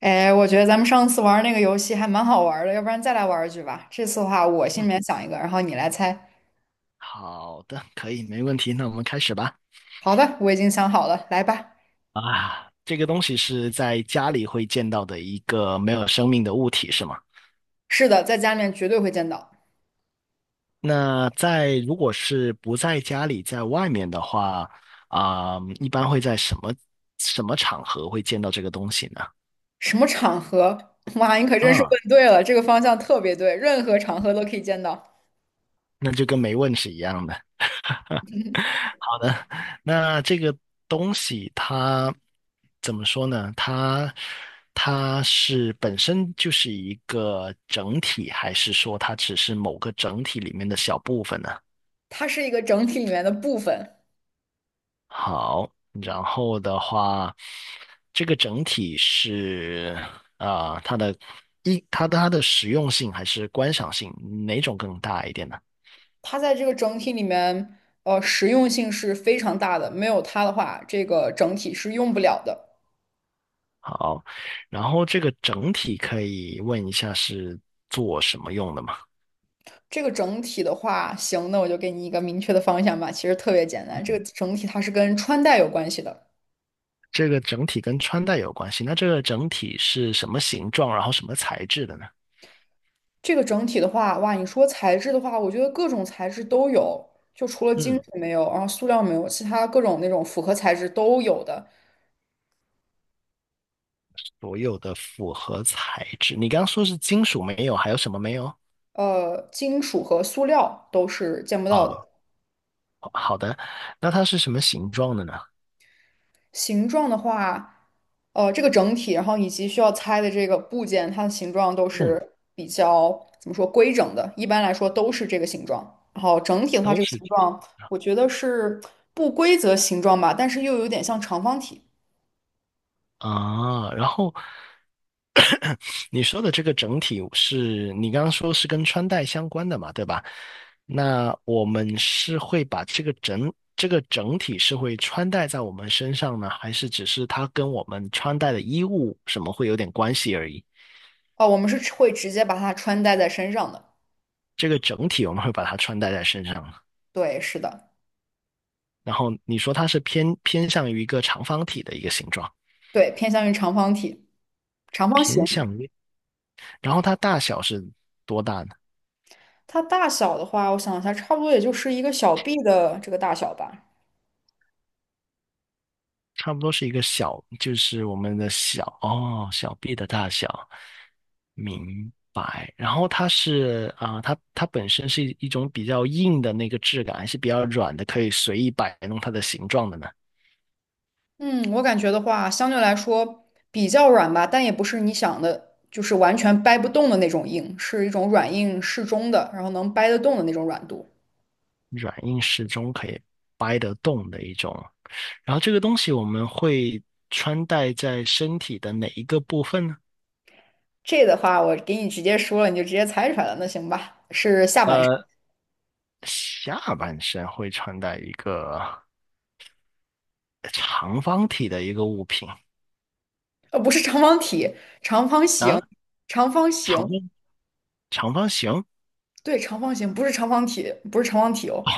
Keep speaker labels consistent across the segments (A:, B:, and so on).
A: 哎，我觉得咱们上次玩那个游戏还蛮好玩的，要不然再来玩一局吧。这次的话，我心里
B: 嗯，
A: 面想一个，然后你来猜。
B: 好的，可以，没问题。那我们开始吧。
A: 好的，我已经想好了，来吧。
B: 这个东西是在家里会见到的一个没有生命的物体，是吗？
A: 是的，在家里面绝对会见到。
B: 那在如果是不在家里，在外面的话，一般会在什么场合会见到这个东西呢？
A: 什么场合？哇，你可真是
B: 啊，
A: 问对了，这个方向特别对，任何场合都可以见到。
B: 那就跟没问是一样的。好的，那这个东西它怎么说呢？它是本身就是一个整体，还是说它只是某个整体里面的小部分呢？
A: 它是一个整体里面的部分，
B: 好，然后的话，这个整体是它的它的实用性还是观赏性，哪种更大一点呢？
A: 它在这个整体里面，实用性是非常大的，没有它的话，这个整体是用不了的。
B: 好，然后这个整体可以问一下是做什么用的吗？
A: 这个整体的话，行，那我就给你一个明确的方向吧。其实特别简单，这个整体它是跟穿戴有关系的。
B: 这个整体跟穿戴有关系。那这个整体是什么形状，然后什么材质的呢？
A: 这个整体的话，哇，你说材质的话，我觉得各种材质都有，就除了金属
B: 嗯，
A: 没有，然后塑料没有，其他各种那种复合材质都有的。
B: 所有的复合材质。你刚刚说是金属没有，还有什么没有？
A: 金属和塑料都是见不到
B: 啊，
A: 的。
B: 好的。那它是什么形状的呢？
A: 形状的话，这个整体，然后以及需要拆的这个部件，它的形状都
B: 嗯，
A: 是比较怎么说规整的，一般来说都是这个形状。然后整体的话，
B: 都
A: 这个
B: 是
A: 形
B: 金
A: 状
B: 属
A: 我觉得是不规则形状吧，但是又有点像长方体。
B: 的啊。然后你说的这个整体是你刚刚说是跟穿戴相关的嘛，对吧？那我们是会把这个整体是会穿戴在我们身上呢，还是只是它跟我们穿戴的衣物什么会有点关系而已？
A: 哦，我们是会直接把它穿戴在身上的。
B: 这个整体我们会把它穿戴在身上啊，
A: 对，是的，
B: 然后你说它是偏向于一个长方体的一个形状，
A: 对，偏向于长方体、长方
B: 偏
A: 形。
B: 向于，然后它大小是多大呢？
A: 它大小的话，我想一下，差不多也就是一个小臂的这个大小吧。
B: 差不多是一个小，就是我们的小，哦，小臂的大小，明白。然后它是它本身是一种比较硬的那个质感，还是比较软的，可以随意摆弄它的形状的呢？
A: 嗯，我感觉的话，相对来说比较软吧，但也不是你想的，就是完全掰不动的那种硬，是一种软硬适中的，然后能掰得动的那种软度。
B: 软硬适中，可以掰得动的一种。然后这个东西我们会穿戴在身体的哪一个部分呢？
A: 这的话，我给你直接说了，你就直接猜出来了。那行吧，是下半身，
B: 呃，下半身会穿戴一个长方体的一个物品
A: 不是长方体，长方形，
B: 啊，
A: 长方
B: 长
A: 形，
B: 方长方形
A: 对，长方形，不是长方体，不是长方体哦，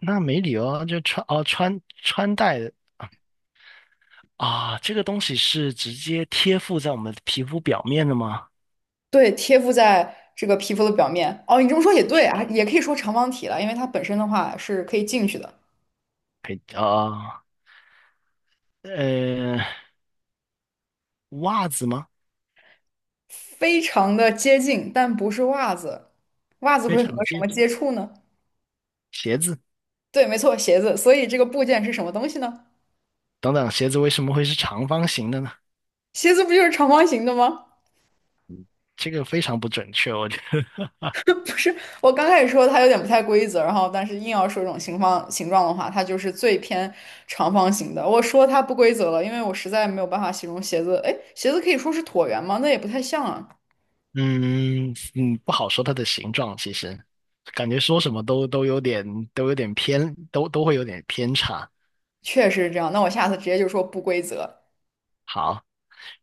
B: 那没理由啊，就穿哦穿穿戴啊，这个东西是直接贴附在我们皮肤表面的吗？
A: 对，贴附在这个皮肤的表面。哦，你这么说也对啊，也可以说长方体了，因为它本身的话是可以进去的。
B: 可以啊，呃，袜子吗？
A: 非常的接近，但不是袜子。袜子
B: 非
A: 会和
B: 常
A: 什
B: 接
A: 么
B: 近。
A: 接触呢？
B: 鞋子
A: 对，没错，鞋子。所以这个部件是什么东西呢？
B: 等等，鞋子为什么会是长方形的呢？
A: 鞋子不就是长方形的吗？
B: 这个非常不准确，我觉得。
A: 不是，我刚开始说它有点不太规则，然后但是硬要说这种形方形状的话，它就是最偏长方形的。我说它不规则了，因为我实在没有办法形容鞋子。哎，鞋子可以说是椭圆吗？那也不太像啊。
B: 嗯嗯，不好说它的形状，其实感觉说什么都有点都有点偏，都会有点偏差。
A: 确实是这样，那我下次直接就说不规则。
B: 好。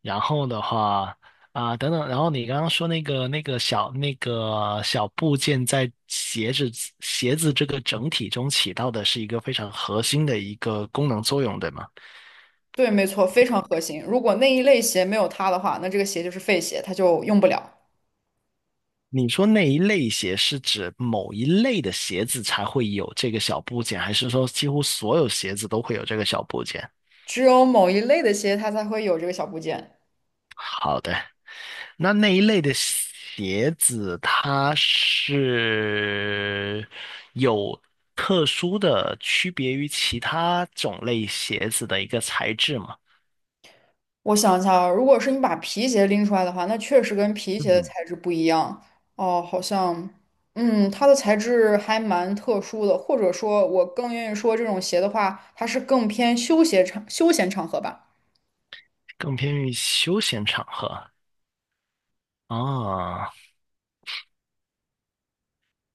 B: 然后的话等等，然后你刚刚说那个那个小部件在鞋子这个整体中起到的是一个非常核心的一个功能作用，对吗？
A: 对，没错，非常核心。如果那一类鞋没有它的话，那这个鞋就是废鞋，它就用不了。
B: 你说那一类鞋是指某一类的鞋子才会有这个小部件，还是说几乎所有鞋子都会有这个小部件？
A: 只有某一类的鞋它才会有这个小部件。
B: 好的，那那一类的鞋子，它是有特殊的区别于其他种类鞋子的一个材质吗？
A: 我想一下啊，如果是你把皮鞋拎出来的话，那确实跟皮鞋的
B: 嗯，
A: 材质不一样。哦，好像，嗯，它的材质还蛮特殊的，或者说，我更愿意说这种鞋的话，它是更偏休闲场合吧。
B: 更偏于休闲场合啊。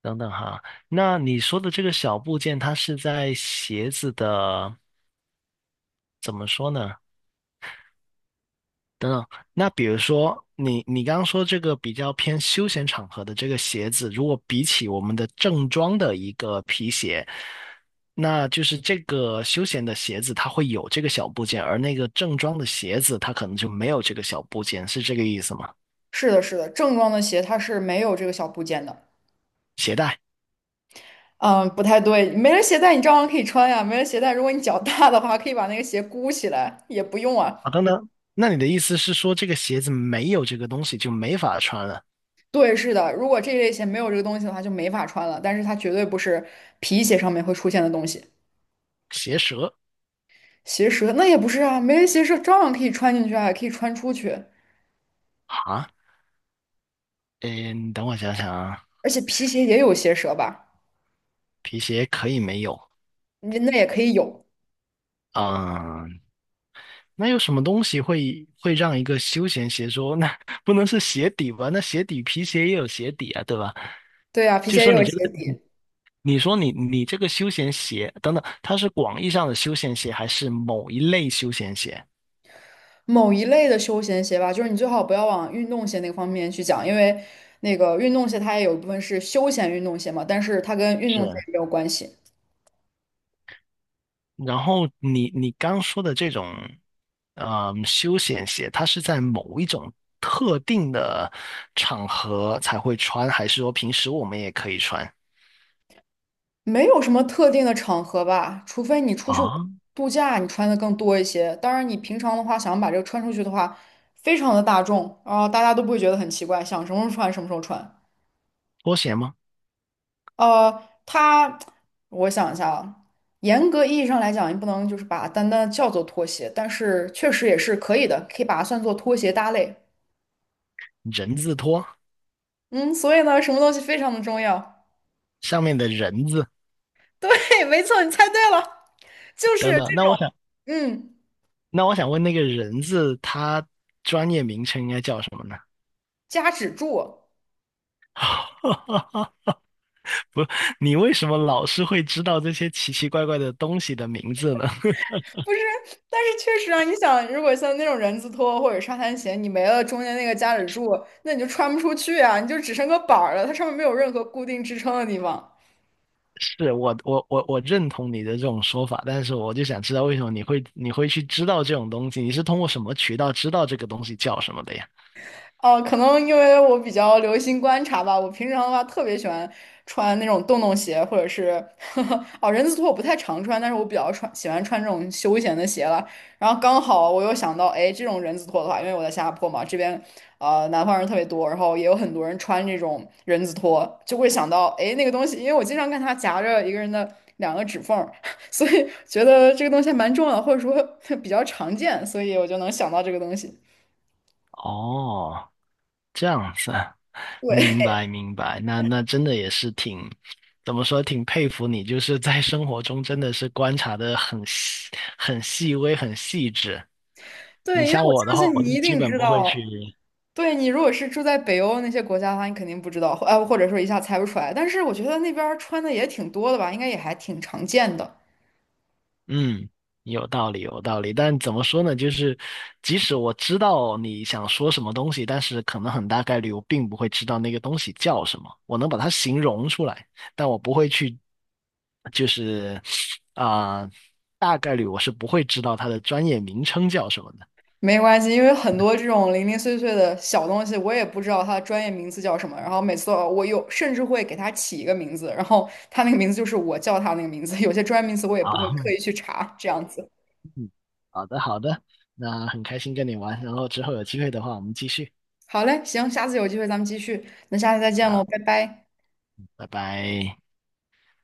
B: 等等哈，那你说的这个小部件，它是在鞋子的，怎么说呢？等等，那比如说你刚刚说这个比较偏休闲场合的这个鞋子，如果比起我们的正装的一个皮鞋，那就是这个休闲的鞋子它会有这个小部件，而那个正装的鞋子它可能就没有这个小部件，是这个意思吗？
A: 是的，是的，正装的鞋它是没有这个小部件的。
B: 鞋带
A: 嗯，不太对，没了鞋带你照样可以穿呀。没了鞋带，如果你脚大的话，可以把那个鞋箍起来，也不用啊。
B: 啊，等等，那你的意思是说这个鞋子没有这个东西就没法穿了？
A: 对，是的，如果这一类鞋没有这个东西的话，就没法穿了。但是它绝对不是皮鞋上面会出现的东西。
B: 鞋舌
A: 鞋舌那也不是啊，没人鞋舌照样可以穿进去啊，也可以穿出去。
B: 啊？嗯，等我想想啊，
A: 而且皮鞋也有鞋舌吧？
B: 皮鞋可以没有，
A: 你那也可以有。
B: 嗯。那有什么东西会让一个休闲鞋说，那不能是鞋底吧？那鞋底皮鞋也有鞋底啊，对吧？
A: 对啊，皮
B: 就
A: 鞋也
B: 说你
A: 有
B: 这
A: 鞋
B: 个，
A: 底。
B: 你说你这个休闲鞋等等，它是广义上的休闲鞋，还是某一类休闲鞋？
A: 某一类的休闲鞋吧，就是你最好不要往运动鞋那个方面去讲，因为那个运动鞋它也有一部分是休闲运动鞋嘛，但是它跟运动鞋
B: 是，
A: 也没有关系。
B: 然后你刚说的这种，嗯，休闲鞋，它是在某一种特定的场合才会穿，还是说平时我们也可以穿？
A: 没有什么特定的场合吧，除非你出去
B: 啊，
A: 度假，你穿的更多一些。当然，你平常的话，想把这个穿出去的话，非常的大众，啊，大家都不会觉得很奇怪，想什么时候穿什么时候穿。
B: 拖鞋吗？
A: 呃，它，我想一下啊，严格意义上来讲，你不能就是把它单单地叫做拖鞋，但是确实也是可以的，可以把它算作拖鞋搭类。
B: 人字拖，
A: 嗯，所以呢，什么东西非常的重要？
B: 上面的人字。
A: 对，没错，你猜对了，就是
B: 等等，
A: 这
B: 那我
A: 种，
B: 想，
A: 嗯，
B: 那我想问那个人字，他专业名称应该叫什么呢？
A: 夹趾柱。
B: 不，你为什么老是会知道这些奇奇怪怪的东西的名字呢？
A: 不是，但是确实啊，你想，如果像那种人字拖或者沙滩鞋，你没了中间那个夹趾柱，那你就穿不出去啊，你就只剩个板儿了，它上面没有任何固定支撑的地方。
B: 我认同你的这种说法，但是我就想知道为什么你会去知道这种东西？你是通过什么渠道知道这个东西叫什么的呀？
A: 哦，可能因为我比较留心观察吧，我平常的话特别喜欢穿那种洞洞鞋，或者是 哦人字拖我不太常穿，但是我比较穿喜欢穿这种休闲的鞋了。然后刚好我又想到，哎，这种人字拖的话，因为我在新加坡嘛，这边南方人特别多，然后也有很多人穿这种人字拖，就会想到，哎，那个东西，因为我经常看它夹着一个人的两个指缝儿 所以觉得这个东西还蛮重要，或者说 比较常见，所以我就能想到这个东西。
B: 哦，这样子啊，明
A: 对。
B: 白明白，那那真的也是挺，怎么说，挺佩服你，就是在生活中真的是观察的很细、很细微、很细致。你
A: 对，因为
B: 像
A: 我
B: 我的
A: 相
B: 话，
A: 信
B: 我
A: 你
B: 就
A: 一
B: 基
A: 定
B: 本
A: 知
B: 不会
A: 道。
B: 去。
A: 对你，如果是住在北欧那些国家的话，你肯定不知道，或者说一下猜不出来。但是我觉得那边儿穿的也挺多的吧，应该也还挺常见的。
B: 嗯，有道理，有道理。但怎么说呢？就是即使我知道你想说什么东西，但是可能很大概率我并不会知道那个东西叫什么。我能把它形容出来，但我不会去，就是啊、大概率我是不会知道它的专业名称叫什么的。
A: 没关系，因为很多这种零零碎碎的小东西，我也不知道它的专业名字叫什么。然后每次都我有甚至会给它起一个名字，然后它那个名字就是我叫它那个名字。有些专业名词我也不会
B: 啊，
A: 刻意去查，这样子。
B: 好的，好的。那很开心跟你玩，然后之后有机会的话，我们继续
A: 好嘞，行，下次有机会咱们继续。那下次再见喽，
B: 啊，
A: 拜拜。
B: 拜拜。